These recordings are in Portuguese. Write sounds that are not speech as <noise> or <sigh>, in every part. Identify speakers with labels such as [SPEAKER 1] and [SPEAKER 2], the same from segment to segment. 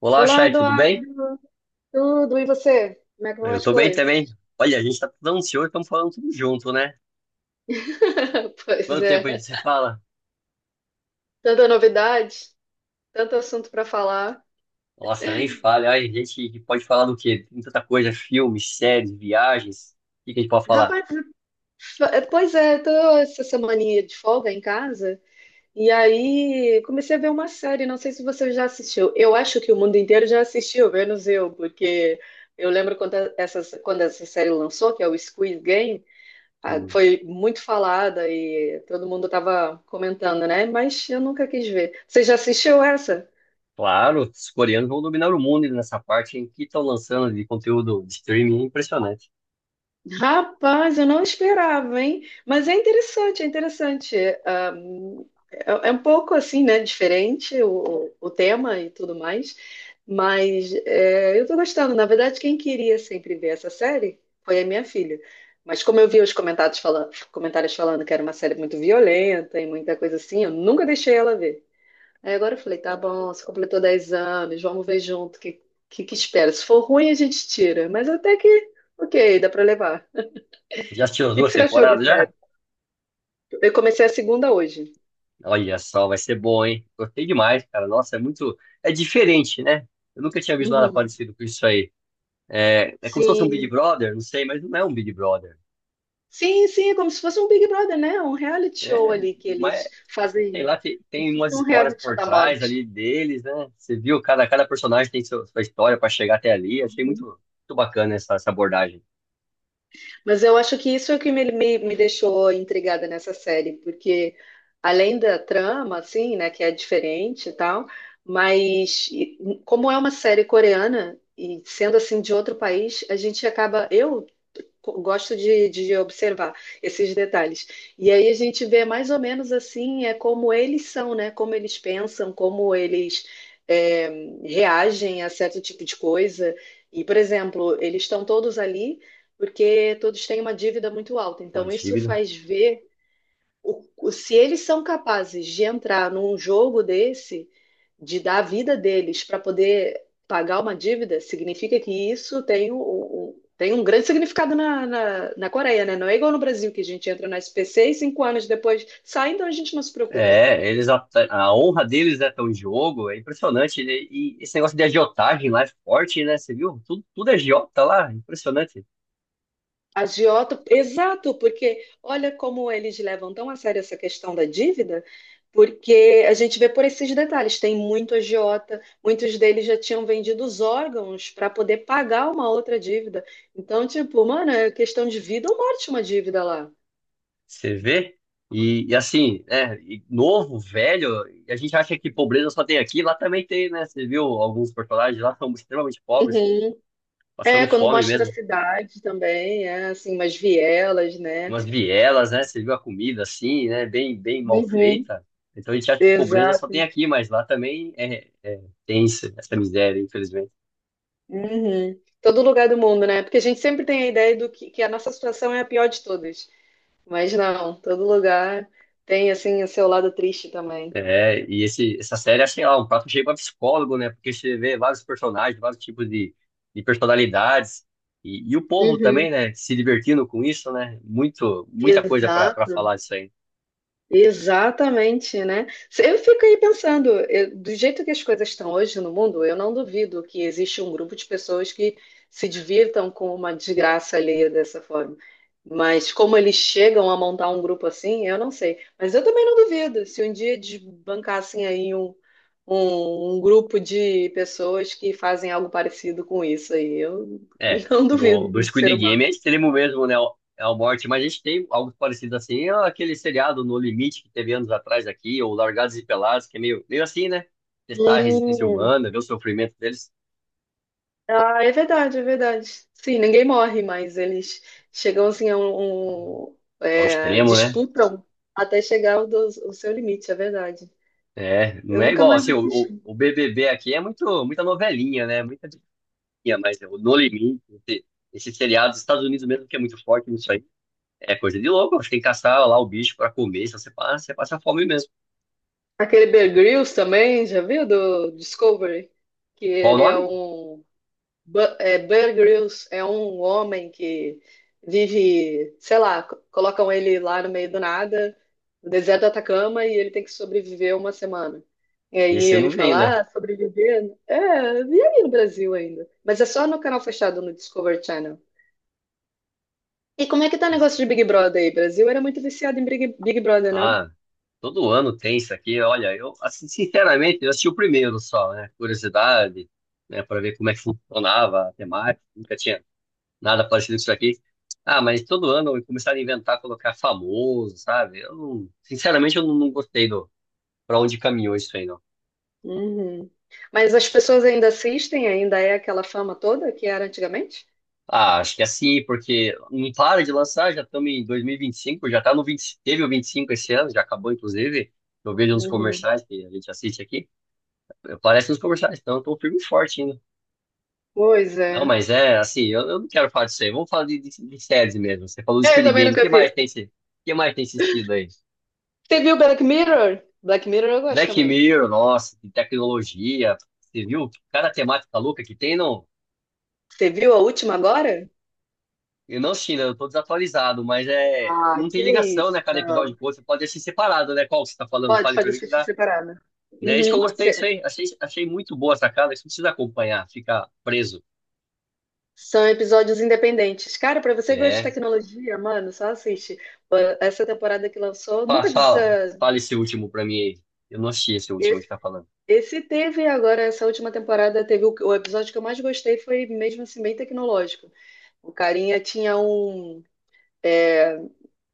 [SPEAKER 1] Olá,
[SPEAKER 2] Olá,
[SPEAKER 1] Chay, tudo bem?
[SPEAKER 2] Eduardo, tudo e você? Como é que vão
[SPEAKER 1] Eu
[SPEAKER 2] as
[SPEAKER 1] tô bem também.
[SPEAKER 2] coisas?
[SPEAKER 1] Olha, a gente tá tudo ansioso, estamos falando tudo junto, né?
[SPEAKER 2] <laughs> Pois
[SPEAKER 1] Quanto tempo a gente
[SPEAKER 2] é,
[SPEAKER 1] se fala?
[SPEAKER 2] tanta novidade, tanto assunto para falar.
[SPEAKER 1] Nossa, nem fale. Olha, a gente pode falar do quê? Tem tanta coisa, filmes, séries, viagens. O que que a gente pode falar?
[SPEAKER 2] Rapaz, é, pois é, tô essa semaninha de folga em casa e aí comecei a ver uma série, não sei se você já assistiu. Eu acho que o mundo inteiro já assistiu, menos eu, porque eu lembro quando essa série lançou, que é o Squid Game, ah,
[SPEAKER 1] Hum,
[SPEAKER 2] foi muito falada e todo mundo estava comentando, né? Mas eu nunca quis ver. Você já assistiu essa?
[SPEAKER 1] claro, os coreanos vão dominar o mundo nessa parte em que estão lançando de conteúdo de streaming impressionante.
[SPEAKER 2] Rapaz, eu não esperava, hein? Mas é interessante, é interessante. Ahm, é um pouco assim, né? Diferente o tema e tudo mais. Mas é, eu tô gostando. Na verdade, quem queria sempre ver essa série foi a minha filha. Mas como eu vi os comentários falando que era uma série muito violenta e muita coisa assim, eu nunca deixei ela ver. Aí agora eu falei, tá bom, você completou 10 anos, vamos ver junto o que que espera. Se for ruim, a gente tira. Mas até que, ok, dá pra levar
[SPEAKER 1] Já assistiu as
[SPEAKER 2] que
[SPEAKER 1] duas
[SPEAKER 2] você achou da
[SPEAKER 1] temporadas já?
[SPEAKER 2] série? Eu comecei a segunda hoje.
[SPEAKER 1] Olha só, vai ser bom, hein? Gostei demais, cara. Nossa, é muito. É diferente, né? Eu nunca tinha visto nada
[SPEAKER 2] Uhum.
[SPEAKER 1] parecido com isso aí. É, é como se fosse um Big
[SPEAKER 2] Sim,
[SPEAKER 1] Brother, não sei, mas não é um Big Brother.
[SPEAKER 2] sim, sim, é como se fosse um Big Brother, né? Um reality show
[SPEAKER 1] É,
[SPEAKER 2] ali que
[SPEAKER 1] mas
[SPEAKER 2] eles
[SPEAKER 1] sei
[SPEAKER 2] fazem,
[SPEAKER 1] lá,
[SPEAKER 2] como se
[SPEAKER 1] tem
[SPEAKER 2] fosse
[SPEAKER 1] umas
[SPEAKER 2] um
[SPEAKER 1] histórias
[SPEAKER 2] reality show
[SPEAKER 1] por
[SPEAKER 2] da
[SPEAKER 1] trás
[SPEAKER 2] morte.
[SPEAKER 1] ali deles, né? Você viu, cada personagem tem sua história para chegar até ali. Achei
[SPEAKER 2] Uhum.
[SPEAKER 1] muito bacana essa abordagem.
[SPEAKER 2] Mas eu acho que isso é o que me deixou intrigada nessa série, porque além da trama, assim, né, que é diferente e tal, mas e, como é uma série coreana e sendo assim de outro país, a gente acaba, eu gosto de observar esses detalhes. E aí a gente vê mais ou menos assim, é como eles são, né? Como eles pensam, como eles é, reagem a certo tipo de coisa. E, por exemplo, eles estão todos ali porque todos têm uma dívida muito alta.
[SPEAKER 1] Uma
[SPEAKER 2] Então, isso
[SPEAKER 1] dívida.
[SPEAKER 2] faz ver o- se eles são capazes de entrar num jogo desse, de dar a vida deles para poder pagar uma dívida, significa que isso tem um, tem um grande significado na Coreia, né? Não é igual no Brasil, que a gente entra na SPC e 5 anos depois sai, então a gente não se preocupa.
[SPEAKER 1] É, eles a honra deles é tão em jogo, é impressionante. E esse negócio de agiotagem lá é forte, né? Você viu? Tudo é agiota lá, impressionante.
[SPEAKER 2] Agiota, exato, porque olha como eles levam tão a sério essa questão da dívida, porque a gente vê por esses detalhes, tem muito agiota, muitos deles já tinham vendido os órgãos para poder pagar uma outra dívida. Então, tipo, mano, é questão de vida ou morte uma dívida lá.
[SPEAKER 1] Você vê? E assim, né? E novo, velho, e a gente acha que pobreza só tem aqui, lá também tem, né? Você viu alguns personagens lá são extremamente pobres,
[SPEAKER 2] Uhum. É,
[SPEAKER 1] passando
[SPEAKER 2] quando
[SPEAKER 1] fome
[SPEAKER 2] mostra a
[SPEAKER 1] mesmo,
[SPEAKER 2] cidade também, é assim, umas vielas, né?
[SPEAKER 1] umas vielas, né? Você viu a comida assim, né? Bem mal
[SPEAKER 2] Uhum.
[SPEAKER 1] feita. Então a gente acha que pobreza só tem
[SPEAKER 2] Exato.
[SPEAKER 1] aqui, mas lá também é tem essa miséria, infelizmente.
[SPEAKER 2] Uhum. Todo lugar do mundo, né? Porque a gente sempre tem a ideia do que a nossa situação é a pior de todas. Mas não, todo lugar tem assim o seu lado triste também.
[SPEAKER 1] É, e essa série, assim, lá, um prato cheio pra psicólogo, né? Porque você vê vários personagens, vários tipos de personalidades. E o povo também,
[SPEAKER 2] Uhum.
[SPEAKER 1] né? Se divertindo com isso, né? Muito, muita coisa pra
[SPEAKER 2] Exato.
[SPEAKER 1] falar disso aí.
[SPEAKER 2] Exatamente, né? Se- Eu fico aí pensando, eu- do jeito que as coisas estão hoje no mundo, eu não duvido que existe um grupo de pessoas que se divirtam com uma desgraça alheia dessa forma. Mas como eles chegam a montar um grupo assim, eu não sei. Mas eu também não duvido se um dia desbancassem aí um grupo de pessoas que fazem algo parecido com isso aí. Eu
[SPEAKER 1] É,
[SPEAKER 2] <laughs> não duvido
[SPEAKER 1] do
[SPEAKER 2] do ser
[SPEAKER 1] Squid Game
[SPEAKER 2] humano.
[SPEAKER 1] é extremo mesmo, né? É o morte, mas a gente tem algo parecido assim, é aquele seriado No Limite que teve anos atrás aqui, ou Largados e Pelados, que é meio, meio assim, né? Testar a resistência
[SPEAKER 2] Hum.
[SPEAKER 1] humana, ver o sofrimento deles
[SPEAKER 2] Ah, é verdade, é verdade. Sim, ninguém morre, mas eles chegam assim a um,
[SPEAKER 1] ao
[SPEAKER 2] é,
[SPEAKER 1] extremo, né?
[SPEAKER 2] disputam até chegar ao ao seu limite, é verdade.
[SPEAKER 1] É, não
[SPEAKER 2] Eu
[SPEAKER 1] é
[SPEAKER 2] nunca
[SPEAKER 1] igual,
[SPEAKER 2] mais
[SPEAKER 1] assim,
[SPEAKER 2] assisti.
[SPEAKER 1] o BBB aqui é muito, muita novelinha, né? Muita diquinha, mas é o No Limite, esse, esse seriado dos Estados Unidos mesmo, que é muito forte nisso aí, é coisa de louco. Você tem que caçar lá o bicho pra comer, se você passa, você passa fome mesmo.
[SPEAKER 2] Aquele Bear Grylls também, já viu do Discovery? Que
[SPEAKER 1] Qual o
[SPEAKER 2] ele é
[SPEAKER 1] nome?
[SPEAKER 2] um Bear Grylls é um homem que vive, sei lá, colocam ele lá no meio do nada, no deserto do Atacama, e ele tem que sobreviver uma semana. E aí
[SPEAKER 1] Esse eu
[SPEAKER 2] ele
[SPEAKER 1] não vi ainda.
[SPEAKER 2] fala, ah, sobreviver? É, e aí no Brasil ainda? Mas é só no canal fechado, no Discovery Channel. E como é que tá o
[SPEAKER 1] Esse-
[SPEAKER 2] negócio de Big Brother aí? Brasil era muito viciado em Big Brother, não?
[SPEAKER 1] ah, todo ano tem isso aqui. Olha, eu, assim, sinceramente, eu assisti o primeiro só, né? Curiosidade, né? Pra ver como é que funcionava a temática, nunca tinha nada parecido com isso aqui. Ah, mas todo ano começaram a inventar, colocar famoso, sabe? Eu não- sinceramente, eu não, não gostei do pra onde caminhou isso aí, não.
[SPEAKER 2] Uhum. Mas as pessoas ainda assistem? Ainda é aquela fama toda que era antigamente?
[SPEAKER 1] Ah, acho que é assim, porque não para de lançar, já estamos em 2025, já tá no 20, teve o 25 esse ano, já acabou, inclusive. Eu vejo nos
[SPEAKER 2] Uhum.
[SPEAKER 1] comerciais que a gente assiste aqui, aparece nos comerciais, então eu tô firme e forte ainda.
[SPEAKER 2] Pois
[SPEAKER 1] Não,
[SPEAKER 2] é.
[SPEAKER 1] mas é assim, eu não quero falar disso aí, vamos falar de séries mesmo. Você falou do
[SPEAKER 2] É, eu
[SPEAKER 1] Squid
[SPEAKER 2] também
[SPEAKER 1] Game, o que
[SPEAKER 2] nunca vi.
[SPEAKER 1] mais tem, o que mais tem assistido aí?
[SPEAKER 2] Você viu Black Mirror? Black Mirror eu gosto
[SPEAKER 1] Black
[SPEAKER 2] também.
[SPEAKER 1] Mirror, nossa, de tecnologia. Você viu cada temática louca que tem, não?
[SPEAKER 2] Você viu a última agora?
[SPEAKER 1] Eu não assisti, né? Eu tô desatualizado, mas é.
[SPEAKER 2] Ah,
[SPEAKER 1] Não tem
[SPEAKER 2] que
[SPEAKER 1] ligação, né?
[SPEAKER 2] isso,
[SPEAKER 1] Cada episódio
[SPEAKER 2] não.
[SPEAKER 1] com o outro. Você pode assistir separado, né? Qual que você tá falando?
[SPEAKER 2] Pode,
[SPEAKER 1] Fale pra
[SPEAKER 2] pode
[SPEAKER 1] mim que
[SPEAKER 2] assistir
[SPEAKER 1] dá.
[SPEAKER 2] separada.
[SPEAKER 1] Né? Isso que eu
[SPEAKER 2] Uhum.
[SPEAKER 1] gostei disso aí. Achei muito boa a sacada. Isso não precisa acompanhar, fica preso.
[SPEAKER 2] São episódios independentes. Cara, pra você que gosta de
[SPEAKER 1] É.
[SPEAKER 2] tecnologia, mano, só assiste. Pô, essa temporada que lançou, nunca diz.
[SPEAKER 1] Fala esse último pra mim aí. Eu não assisti esse último que
[SPEAKER 2] Esse,
[SPEAKER 1] tá falando.
[SPEAKER 2] esse teve agora, essa última temporada, teve o episódio que eu mais gostei, foi mesmo assim, bem tecnológico. O carinha tinha um,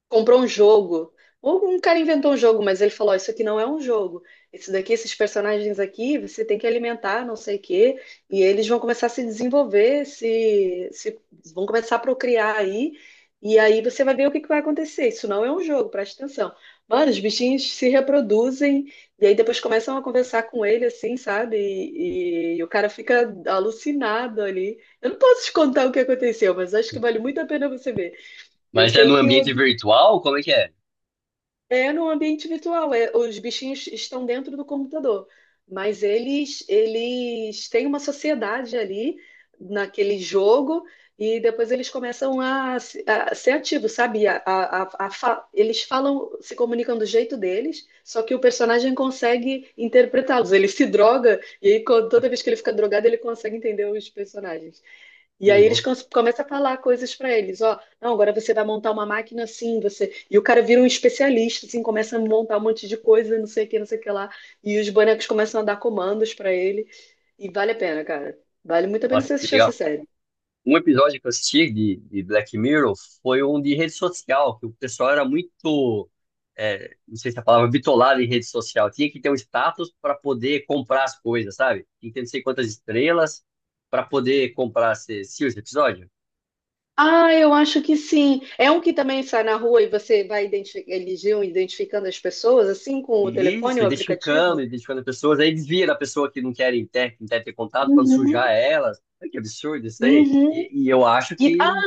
[SPEAKER 2] comprou um jogo. Ou um cara inventou um jogo, mas ele falou: "Ó, isso aqui não é um jogo. Esse daqui, esses personagens aqui, você tem que alimentar, não sei o quê. E eles vão começar a se desenvolver, se vão começar a procriar aí. E aí você vai ver o que que vai acontecer. Isso não é um jogo, presta atenção." Mano, os bichinhos se reproduzem e aí depois começam a conversar com ele, assim, sabe? E o cara fica alucinado ali. Eu não posso te contar o que aconteceu, mas acho que vale muito a pena você ver. E eu
[SPEAKER 1] Mas é
[SPEAKER 2] sei
[SPEAKER 1] no
[SPEAKER 2] que o
[SPEAKER 1] ambiente virtual? Como é?
[SPEAKER 2] é no ambiente virtual, é, os bichinhos estão dentro do computador, mas eles têm uma sociedade ali naquele jogo e depois eles começam a, a ser ativos, sabe? Eles falam, se comunicam do jeito deles, só que o personagem consegue interpretá-los. Ele se droga e aí, toda vez que ele fica drogado, ele consegue entender os personagens. E
[SPEAKER 1] Que
[SPEAKER 2] aí eles
[SPEAKER 1] louco.
[SPEAKER 2] começam a falar coisas para eles: "Ó, não, agora você vai montar uma máquina assim, você..." E o cara vira um especialista, assim, começa a montar um monte de coisa, não sei o que, não sei o que lá. E os bonecos começam a dar comandos para ele. E vale a pena, cara. Vale muito a pena
[SPEAKER 1] Nossa,
[SPEAKER 2] você
[SPEAKER 1] que
[SPEAKER 2] assistir essa
[SPEAKER 1] legal.
[SPEAKER 2] série.
[SPEAKER 1] Um episódio que eu assisti de Black Mirror foi um de rede social, que o pessoal era muito, é, não sei se é a palavra, bitolado em rede social. Tinha que ter um status para poder comprar as coisas, sabe? Tinha que ter não sei quantas estrelas para poder comprar esse episódio.
[SPEAKER 2] Ah, eu acho que sim. É um que também sai na rua e você vai identific... eles iam identificando as pessoas, assim, com o
[SPEAKER 1] E
[SPEAKER 2] telefone,
[SPEAKER 1] isso,
[SPEAKER 2] o aplicativo?
[SPEAKER 1] identificando pessoas, aí desvia da pessoa que não quer ter, não quer ter contato, quando
[SPEAKER 2] Uhum.
[SPEAKER 1] sujar elas. Olha que absurdo isso aí.
[SPEAKER 2] Uhum.
[SPEAKER 1] E eu acho
[SPEAKER 2] E,
[SPEAKER 1] que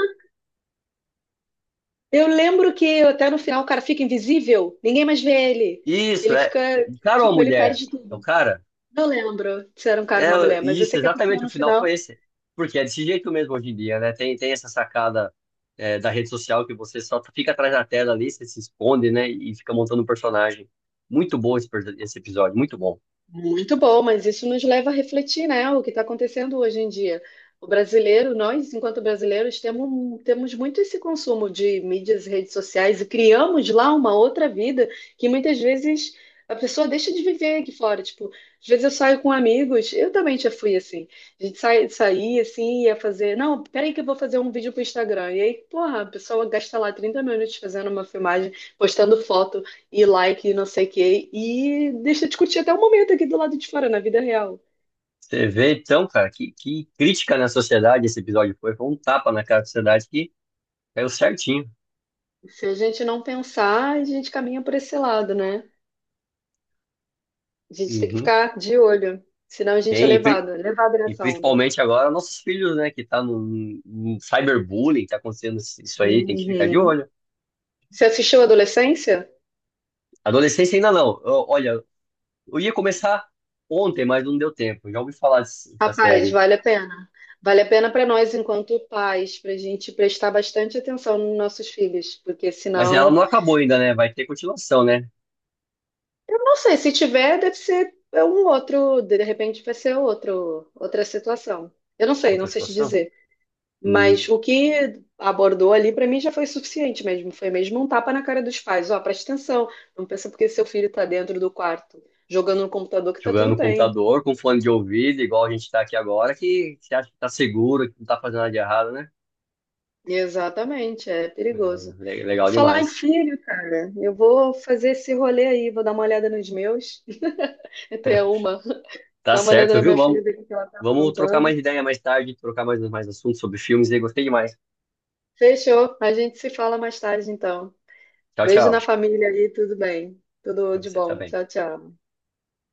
[SPEAKER 2] eu lembro que até no final o cara fica invisível, ninguém mais vê ele.
[SPEAKER 1] isso
[SPEAKER 2] Ele
[SPEAKER 1] é,
[SPEAKER 2] fica,
[SPEAKER 1] o cara ou a
[SPEAKER 2] tipo, ele
[SPEAKER 1] mulher?
[SPEAKER 2] perde
[SPEAKER 1] É o
[SPEAKER 2] tudo.
[SPEAKER 1] cara?
[SPEAKER 2] Não lembro se era um cara
[SPEAKER 1] É,
[SPEAKER 2] ou uma mulher, mas eu
[SPEAKER 1] isso,
[SPEAKER 2] sei que a pessoa
[SPEAKER 1] exatamente, o
[SPEAKER 2] no
[SPEAKER 1] final foi
[SPEAKER 2] final...
[SPEAKER 1] esse. Porque é desse jeito mesmo hoje em dia, né? Tem essa sacada, é, da rede social que você só fica atrás da tela ali, você se esconde, né? E fica montando um personagem. Muito bom esse, esse episódio, muito bom.
[SPEAKER 2] Muito bom, mas isso nos leva a refletir, né, o que está acontecendo hoje em dia. O brasileiro, nós, enquanto brasileiros, temos muito esse consumo de mídias e redes sociais e criamos lá uma outra vida que muitas vezes a pessoa deixa de viver aqui fora. Tipo, às vezes eu saio com amigos, eu também já fui assim. A gente sai, saía assim, ia fazer, não, peraí que eu vou fazer um vídeo pro Instagram. E aí, porra, a pessoa gasta lá 30 minutos fazendo uma filmagem, postando foto e like, e não sei o quê. E deixa discutir até o momento aqui do lado de fora, na vida real.
[SPEAKER 1] Você vê, então, cara, que crítica na sociedade esse episódio foi. Foi um tapa na cara da sociedade que caiu certinho.
[SPEAKER 2] Se a gente não pensar, a gente caminha por esse lado, né? A gente tem que
[SPEAKER 1] Uhum.
[SPEAKER 2] ficar de olho, senão a gente
[SPEAKER 1] Tem, e, pri-
[SPEAKER 2] é levado
[SPEAKER 1] e
[SPEAKER 2] nessa onda.
[SPEAKER 1] principalmente agora nossos filhos, né? Que tá no cyberbullying, tá acontecendo isso aí, tem que ficar de
[SPEAKER 2] Uhum.
[SPEAKER 1] olho.
[SPEAKER 2] Você assistiu Adolescência?
[SPEAKER 1] Adolescência ainda não. Ó, olha, eu ia começar ontem, mas não deu tempo. Já ouvi falar dessa
[SPEAKER 2] Rapaz,
[SPEAKER 1] série.
[SPEAKER 2] vale a pena. Vale a pena para nós, enquanto pais, para a gente prestar bastante atenção nos nossos filhos, porque
[SPEAKER 1] Mas ela
[SPEAKER 2] senão,
[SPEAKER 1] não acabou ainda, né? Vai ter continuação, né?
[SPEAKER 2] eu não sei, se tiver, deve ser um outro, de repente vai ser outro, outra situação. Eu não sei, não
[SPEAKER 1] Outra
[SPEAKER 2] sei te
[SPEAKER 1] situação.
[SPEAKER 2] dizer.
[SPEAKER 1] Hum,
[SPEAKER 2] Mas o que abordou ali para mim já foi suficiente mesmo. Foi mesmo um tapa na cara dos pais. Ó, presta atenção, não pensa porque seu filho está dentro do quarto jogando no computador que tá
[SPEAKER 1] jogando
[SPEAKER 2] tudo
[SPEAKER 1] no
[SPEAKER 2] bem.
[SPEAKER 1] computador, com fone de ouvido, igual a gente tá aqui agora, que você acha que tá seguro, que não tá fazendo nada de errado, né?
[SPEAKER 2] Exatamente, é
[SPEAKER 1] É,
[SPEAKER 2] perigoso. E por
[SPEAKER 1] legal
[SPEAKER 2] falar em
[SPEAKER 1] demais.
[SPEAKER 2] filho, cara, eu vou fazer esse rolê aí, vou dar uma olhada nos meus. <laughs> Até uma,
[SPEAKER 1] Tá
[SPEAKER 2] dar uma olhada
[SPEAKER 1] certo,
[SPEAKER 2] na
[SPEAKER 1] viu?
[SPEAKER 2] minha filha, ver o que ela tá
[SPEAKER 1] Vamos trocar
[SPEAKER 2] aprontando.
[SPEAKER 1] mais ideia mais tarde, trocar mais, mais assuntos sobre filmes aí. Gostei demais.
[SPEAKER 2] Fechou, a gente se fala mais tarde então.
[SPEAKER 1] Tchau,
[SPEAKER 2] Beijo na
[SPEAKER 1] tchau.
[SPEAKER 2] família aí, tudo bem. Tudo
[SPEAKER 1] Pra
[SPEAKER 2] de
[SPEAKER 1] você
[SPEAKER 2] bom.
[SPEAKER 1] também.
[SPEAKER 2] Tchau, tchau.